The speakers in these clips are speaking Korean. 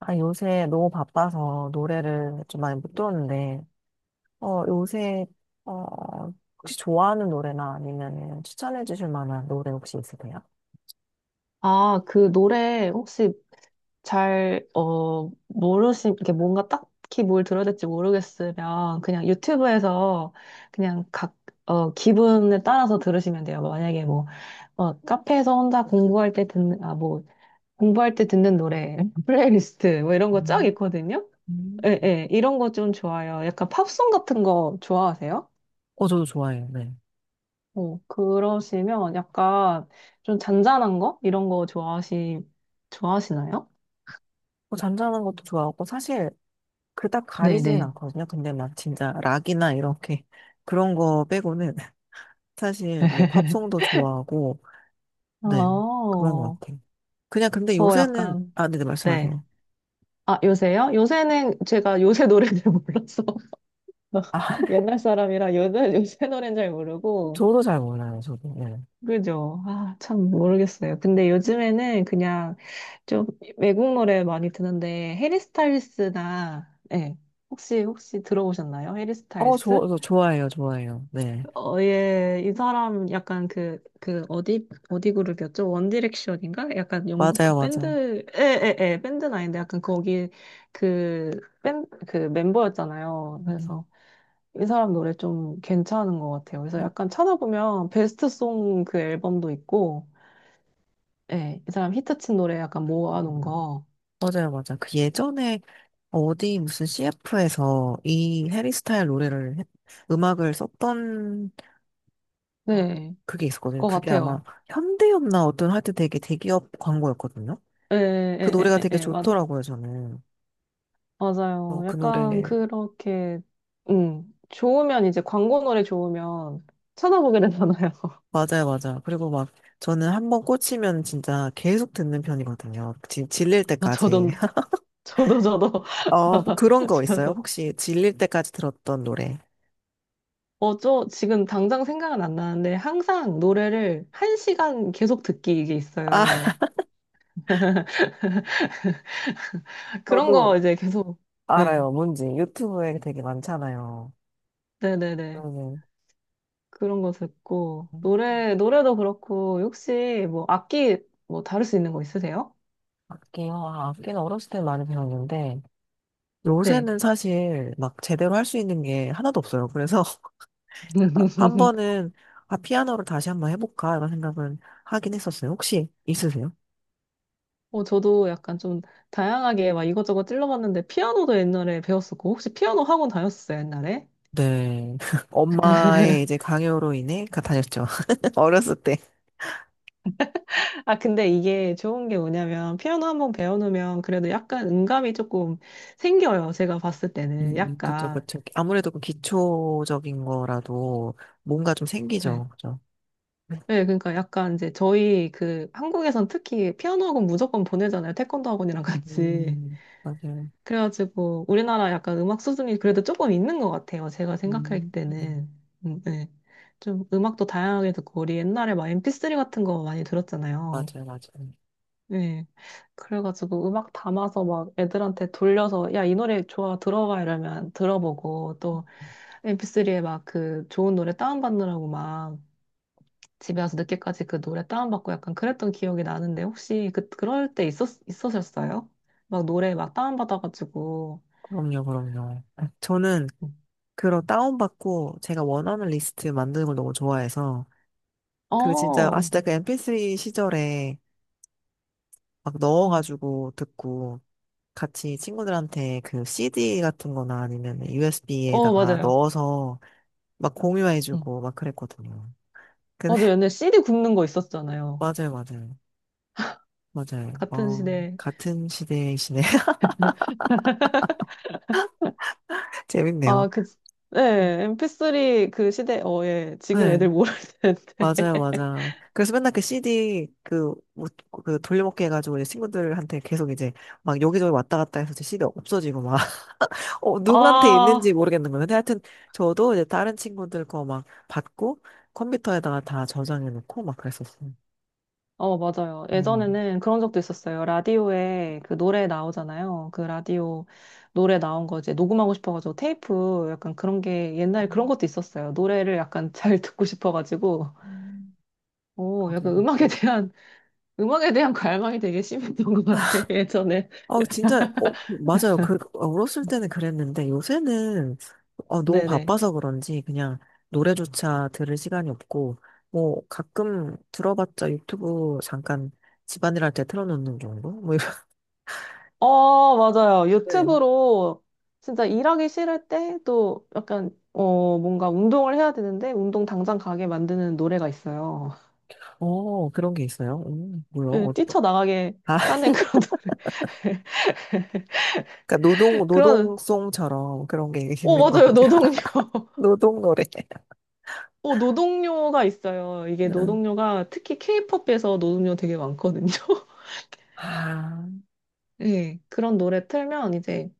아, 요새 너무 바빠서 노래를 좀 많이 못 들었는데, 어, 요새, 어, 혹시 좋아하는 노래나 아니면 추천해 주실 만한 노래 혹시 있으세요? 아, 그 노래 혹시 잘, 모르시, 이렇게 뭔가 딱히 뭘 들어야 될지 모르겠으면 그냥 유튜브에서 그냥 각, 기분에 따라서 들으시면 돼요. 만약에 뭐, 카페에서 혼자 공부할 때 듣는, 아, 뭐, 공부할 때 듣는 노래, 플레이리스트, 뭐 이런 거 쫙 음, 있거든요? 음. 예, 예, 이런 거 좀 좋아요. 약간 팝송 같은 거 좋아하세요? 어, 저도 좋아해요, 네. 어, 그러시면 약간 좀 잔잔한 거? 이런 거 좋아하시, 좋아하시나요? 뭐 잔잔한 것도 좋아하고, 사실, 그닥 가리진 네네. 않거든요. 근데 막 진짜 락이나 이렇게 그런 거 빼고는 사실 뭐 팝송도 좋아하고, 네, 그런 것 어, 같아요. 그냥 근데 저 요새는, 약간, 아, 네, 네, 네. 말씀하세요. 아, 요새요? 요새는 제가 요새 노래를 몰라서. 아, 옛날 사람이라 요새, 요새 노래는 잘 모르고. 저도 잘 몰라요, 저도. 네. 그죠? 아, 참 모르겠어요. 근데 요즘에는 그냥 좀 외국 노래 많이 듣는데, 해리 스타일스나, 네. 혹시, 혹시 들어보셨나요? 해리 어, 스타일스? 저, 저 좋아해요, 좋아해요. 네. 어, 예, 이 사람 약간 그, 그, 어디, 어디 그룹이었죠? 원디렉션인가? 약간 영국 맞아요, 그 맞아요. 밴드, 예, 예, 예, 밴드는 아닌데 약간 거기 그, 밴, 그 멤버였잖아요. 음, 그래서 이 사람 노래 좀 괜찮은 것 같아요. 그래서 음. 약간 찾아보면 베스트 송 그 앨범도 있고, 예, 이 사람 히트친 노래 약간 모아놓은 거, 맞아요, 맞아요. 그 예전에 어디 무슨 CF에서 이 해리스타일 음악을 썼던, 아, 네, 그게 있었거든요. 것 그게 아마 같아요. 현대였나, 어떤 하여튼 되게 대기업 광고였거든요. 예, 그 예, 예, 노래가 예, 되게 예, 좋더라고요, 저는. 어, 맞아요. 그 약간 노래. 그렇게, 좋으면 이제 광고 노래 좋으면 찾아보게 되잖아요. 맞아요, 맞아요. 그리고 막 저는 한 번 꽂히면 진짜 계속 듣는 편이거든요. 질릴 아, 때까지. 저도, 저도, 저도, 어, 뭐 그런 거 있어요? 저도. 혹시 질릴 때까지 들었던 노래? 어, 저 지금 당장 생각은 안 나는데 항상 노래를 1시간 계속 듣기 이게 아, 있어요. 그런 저도 거 이제 계속, 네, 알아요, 뭔지. 유튜브에 되게 많잖아요. 네네네. 그러면 그런 거 듣고, 음, 노래, 노래도 그렇고, 혹시 뭐 악기 뭐 다룰 수 있는 거 있으세요? 악기요. 아, 악기는 어렸을 때 많이 배웠는데 네. 요새는 사실 막 제대로 할 수 있는 게 하나도 없어요. 그래서 한 번은, 아, 피아노를 다시 한번 해볼까? 이런 생각은 하긴 했었어요. 혹시 있으세요? 어, 저도 약간 좀 다양하게 막 이것저것 찔러봤는데 피아노도 옛날에 배웠었고 혹시 피아노 학원 다녔었어요, 옛날에? 네. 엄마의 이제 강요로 다녔죠. 어렸을 때. 아, 근데 이게 좋은 게 뭐냐면 피아노 한 번 배워놓으면 그래도 약간 음감이 조금 생겨요. 제가 봤을 때는 그쵸, 약간. 그쵸. 아무래도 그 기초적인 거라도 뭔가 좀 네. 생기죠. 그죠? 네, 그러니까 약간 이제 저희 그 한국에선 특히 피아노 학원 무조건 보내잖아요. 태권도 학원이랑 같이. 맞아요. 그래가지고 우리나라 약간 음악 수준이 그래도 조금 있는 것 같아요. 제가 생각할 음, 음. 때는. 네. 좀 음악도 다양하게 듣고 우리 옛날에 막 MP3 같은 거 많이 들었잖아요. 맞아요, 맞아요. 네. 그래가지고 음악 담아서 막 애들한테 돌려서 야, 이 노래 좋아 들어봐 이러면 들어보고 또 MP3에 막 그 좋은 노래 다운받느라고 막 집에 와서 늦게까지 그 노래 다운받고 약간 그랬던 기억이 나는데 혹시 그, 그럴 때 있었, 있으셨어요? 막 노래 막 다운받아가지고 그럼요, 그럼요. 저는 음. 그런 다운받고 제가 원하는 리스트 만드는 걸 너무 좋아해서 그 진짜, 아, 어, 진짜 그 MP3 시절에 막 음. 넣어가지고 듣고 같이 친구들한테 그 CD 같은 거나 아니면 어, USB에다가 맞아요. 넣어서 막 음. 공유해주고 막 그랬거든요. 근데 맞아요. 옛날에 CD 굽는 거 있었잖아요. 맞아요, 맞아요. 맞아요. 같은 어, 시대. 같은 시대이시네. 재밌네요. 아, 그, 네, MP3 그 시대, 어, 예. 지금 네, 애들 모를 텐데. 맞아요, 맞아. 그래서 맨날 그 CD 그, 뭐, 그 돌려먹기 해가지고 이제 친구들한테 계속 이제 막 여기저기 왔다 갔다 해서 이제 CD 없어지고 막 어, 누구한테 있는지 아, 모르겠는 거예요. 근데 하여튼 저도 이제 다른 친구들 거 막 받고 컴퓨터에다가 다 저장해 놓고 막 그랬었어요. 어, 맞아요. 음. 예전에는 그런 적도 있었어요. 라디오에 그 노래 나오잖아요. 그 라디오 노래 나온 거 이제 녹음하고 싶어가지고 테이프 약간 그런 게 옛날에 그런 것도 있었어요. 노래를 약간 잘 듣고 싶어가지고. 음, 오, 맞아요. 약간 음악에 맞아요. 대한, 음악에 대한 갈망이 되게 심했던 것 같아, 예전에. 맞아요. 그, 어, 어렸을 때는 그랬는데 요새는 어, 너무 네네. 바빠서 그런지 그냥 노래조차 들을 시간이 없고 뭐 가끔 들어봤자 유튜브 잠깐 집안일 할 때 틀어놓는 정도? 뭐 이런, 어, 맞아요. 네. 유튜브로 진짜 일하기 싫을 때 또 약간, 어, 뭔가 운동을 해야 되는데 운동 당장 가게 만드는 노래가 있어요. 어, 그런 게 있어요. 뭐야, 예, 어떤, 뛰쳐나가게 하는 그런 노래. 그러니까 노동 그런, 노동송처럼 그런 게 어, 있는 맞아요. 거군요. 노동요. 노동 노래. 어, 노동요가 있어요. 이게 음. 노동요가 특히 케이팝에서 노동요 되게 많거든요. 아, 예, 그런 노래 틀면 이제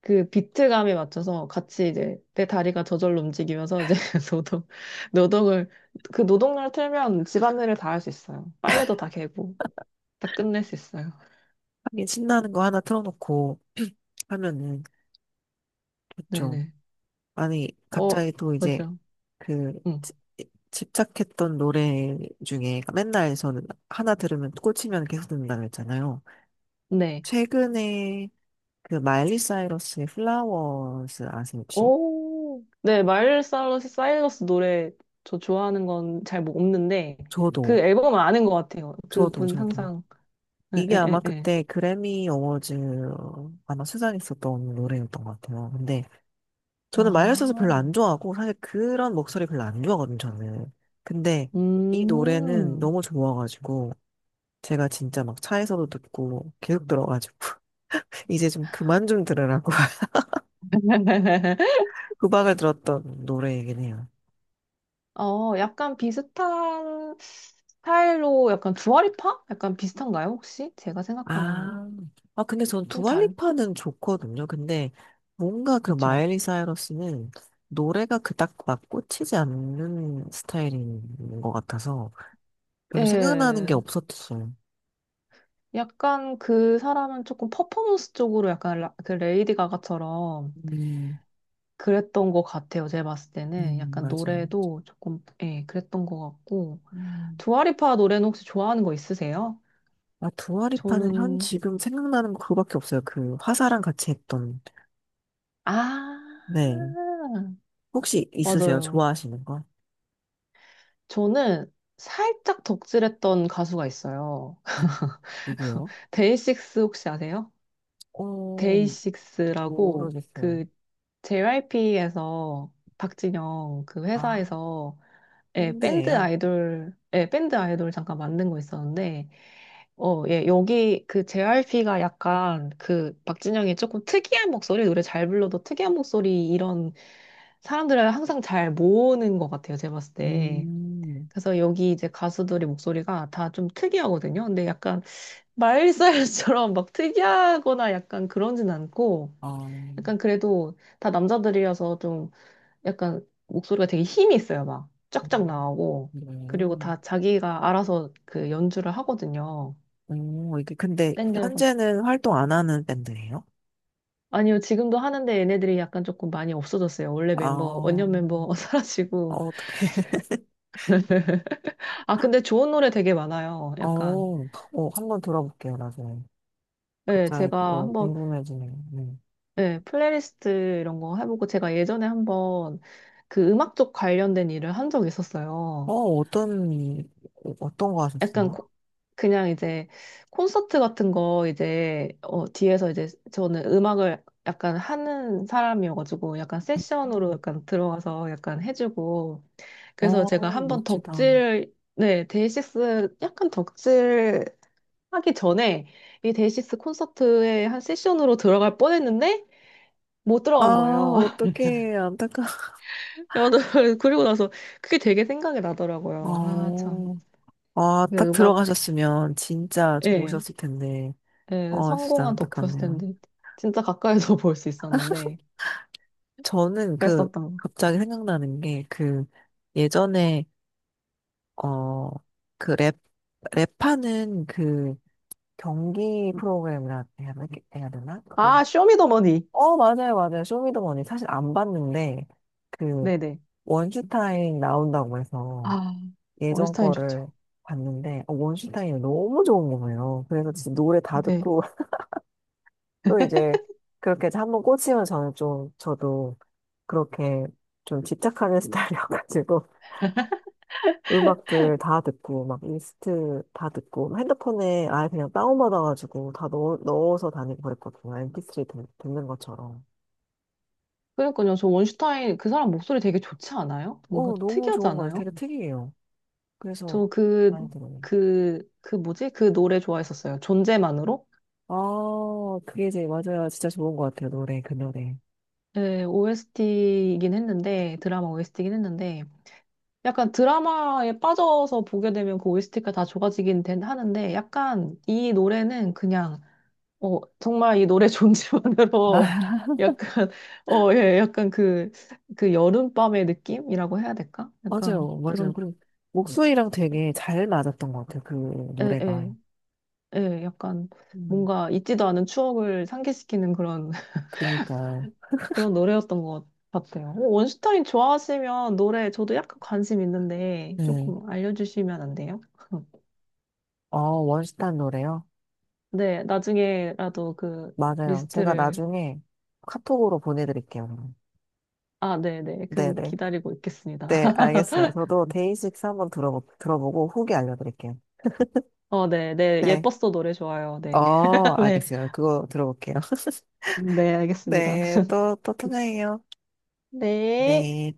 그 비트감에 맞춰서 같이 이제 내 다리가 저절로 움직이면서 이제 노동, 노동을, 그 노동력을 틀면 집안일을 다 할 수 있어요. 빨래도 다 개고, 다 끝낼 수 있어요. 하긴 신나는 거 하나 틀어놓고 하면은 좋죠. 네네. 아니 어, 갑자기 또 이제 맞아. 그 응. 지- 집착했던 노래 중에 맨날 저는 하나 들으면 꽂히면 계속 듣는다고 했잖아요. 네. 최근에 그 마일리 사이러스의 플라워스 아세요, 혹시? 오, 네. 마일리 사이러스, 사이러스 노래 저 좋아하는 건 잘 뭐 없는데, 저도, 그 앨범은 아는 것 같아요. 저도, 그분 저도 항상, 에, 이게 에, 아마 에, 에. 그때 그래미 어워즈 아마 수상했었던 노래였던 것 같아요. 근데 저는 마이너스서 별로 아, 안 좋아하고, 사실 그런 목소리 별로 안 좋아하거든요, 저는. 근데 이 노래는 음. 너무 좋아가지고 제가 진짜 막 차에서도 듣고 계속 들어가지고 이제 좀 그만 좀 들으라고 후박을 들었던 노래이긴 해요. 어, 약간 비슷한 스타일로 약간 두아리파? 약간 비슷한가요, 혹시? 제가 생각한 아, 아, 근데 전 좀 다른, 두알리파는 좋거든요. 근데 뭔가 그 그쵸? 마일리 사이러스는 노래가 그닥 막 꽂히지 않는 스타일인 것 같아서 별로 생각나는 게 예. 없었어요. 약간 그 사람은 조금 퍼포먼스 쪽으로 약간 라- 그 레이디 가가처럼 음, 그랬던 것 같아요. 제가 봤을 때는 약간 맞아요. 노래도 조금, 예, 그랬던 것 같고. 음. 두아리파 노래는 혹시 좋아하는 거 있으세요? 아, 두알리파는 현 저는, 지금 생각나는 거 그거밖에 없어요. 그 화사랑 같이 했던. 아, 네. 혹시 있으세요? 맞아요. 좋아하시는 거? 저는 살짝 덕질했던 가수가 있어요. 아, 누구요? 데이식스 혹시 아세요? 어, 데이식스라고 모르겠어요. 그 JYP에서 박진영 그 아, 회사에서 예, 밴드 밴드예요? 아이돌 예, 밴드 아이돌 잠깐 만든 거 있었는데 어, 예, 여기 그 JYP가 약간 그 박진영이 조금 특이한 목소리 노래 잘 불러도 특이한 목소리 이런 사람들을 항상 잘 모으는 것 같아요 제가 봤을 때 음. 그래서 여기 이제 가수들의 목소리가 다 좀 특이하거든요 근데 약간 마일리사이러스처럼 막 특이하거나 약간 그런진 않고, 아, 약간 그래도 다 남자들이어서 좀 약간 목소리가 되게 힘이 있어요. 막 쫙쫙 음, 나오고. 네. 그리고 다 자기가 알아서 그 연주를 하거든요. 오, 이게 근데 밴드여가지고. 현재는 활동 안 하는 밴드예요? 아니요, 지금도 하는데 얘네들이 약간 조금 많이 없어졌어요. 원래 아, 멤버, 어, 원년 멤버 사라지고. 어떻게? 아, 근데 좋은 노래 되게 많아요. 어, 약간. 어, 한번 들어볼게요, 나중에. 네, 제가 어, 한번 궁금해지네요. 네. 네, 플레이리스트 이런 거 해보고 제가 예전에 한번 그 음악 쪽 관련된 일을 한 적이 어, 있었어요. 어떤 어떤 거 약간 하셨어요? 코- 그냥 이제 콘서트 같은 거 이제 어, 뒤에서 이제 저는 음악을 약간 하는 사람이어가지고 약간 세션으로 약간 들어가서 약간 해주고 그래서 제가 어, 한번 멋지다. 덕질 네 데이식스 약간 덕질 하기 전에 이 데이식스 콘서트에 한 세션으로 들어갈 뻔했는데 못 아, 들어간 거예요. 어떡해, 안타까워. 야, 나 그리고 나서 그게 되게 생각이 나더라고요. 아, 참. 어, 아, 이게 딱 음악, 들어가셨으면 진짜 예, 좋으셨을 텐데. 예, 어, 진짜 성공한 덕후였을 안타깝네요. 텐데. 진짜 가까이서 볼 수 있었는데. 저는 그 그랬었던 거. 갑자기 생각나는 게 그 예전에 어 그 랩 랩하는 그 경기 프로그램이라 해야 되나? 해야 되나? 그- 아, 쇼미더머니. 어 맞아요 맞아요 쇼미더머니 사실 안 봤는데 그 네네. 원슈타인 나온다고 해서 아, 예전 원슈타인 좋죠. 거를 봤는데 어, 원슈타인이 너무 좋은 거예요. 그래서 진짜 노래 다 네. 듣고 또 이제 그렇게 해서 한번 꽂히면 저는 좀 저도 그렇게 좀 집착하는 스타일이어가지고 음악들 다 듣고, 막 리스트 다 듣고, 핸드폰에 아예 그냥 다운받아가지고 다 넣어서 다니고 그랬거든요. MP3 듣는 것처럼. 그러니까요. 저 원슈타인 그 사람 목소리 되게 좋지 않아요? 뭔가 어, 너무 특이하지 좋은 것 같아요. 않아요? 되게 특이해요. 그래서 저 그, 많이 들어요. 그, 그 뭐지? 그 노래 좋아했었어요. 존재만으로? 아, 그게 이제 맞아요. 진짜 좋은 것 같아요. 노래, 그 노래. 예, OST이긴 했는데, 드라마 OST이긴 했는데, 약간 드라마에 빠져서 보게 되면 그 OST가 다 좋아지긴 된, 하는데 약간 이 노래는 그냥 어 정말 이 노래 존재만으로 아, 약간 어 예 약간 그 그 여름밤의 느낌이라고 해야 될까? 약간 맞아요. 맞아요. 그런 그리고 목소리랑 되게 잘 맞았던 것 같아요. 그 예 노래가. 예 예 약간 음. 뭔가 잊지도 않은 추억을 상기시키는 그런 그니까요. 그런 노래였던 것 같아요. 어, 원슈타인 좋아하시면 노래 저도 약간 관심 있는데 네. 조금 알려주시면 안 돼요? 어, 원시탄 노래요? 네, 나중에라도 그 맞아요. 제가 리스트를, 나중에 카톡으로 보내드릴게요. 아, 네네. 그 네네. 기다리고 있겠습니다. 네, 알겠어요. 저도 데이식스 한번 들어보고 후기 알려드릴게요. 어, 네, 네. 네. 예뻤어 노래 좋아요. 네. 어, 네. 알겠어요. 그거 들어볼게요. 네, 알겠습니다. 네, 또 통화해요. 네. 네.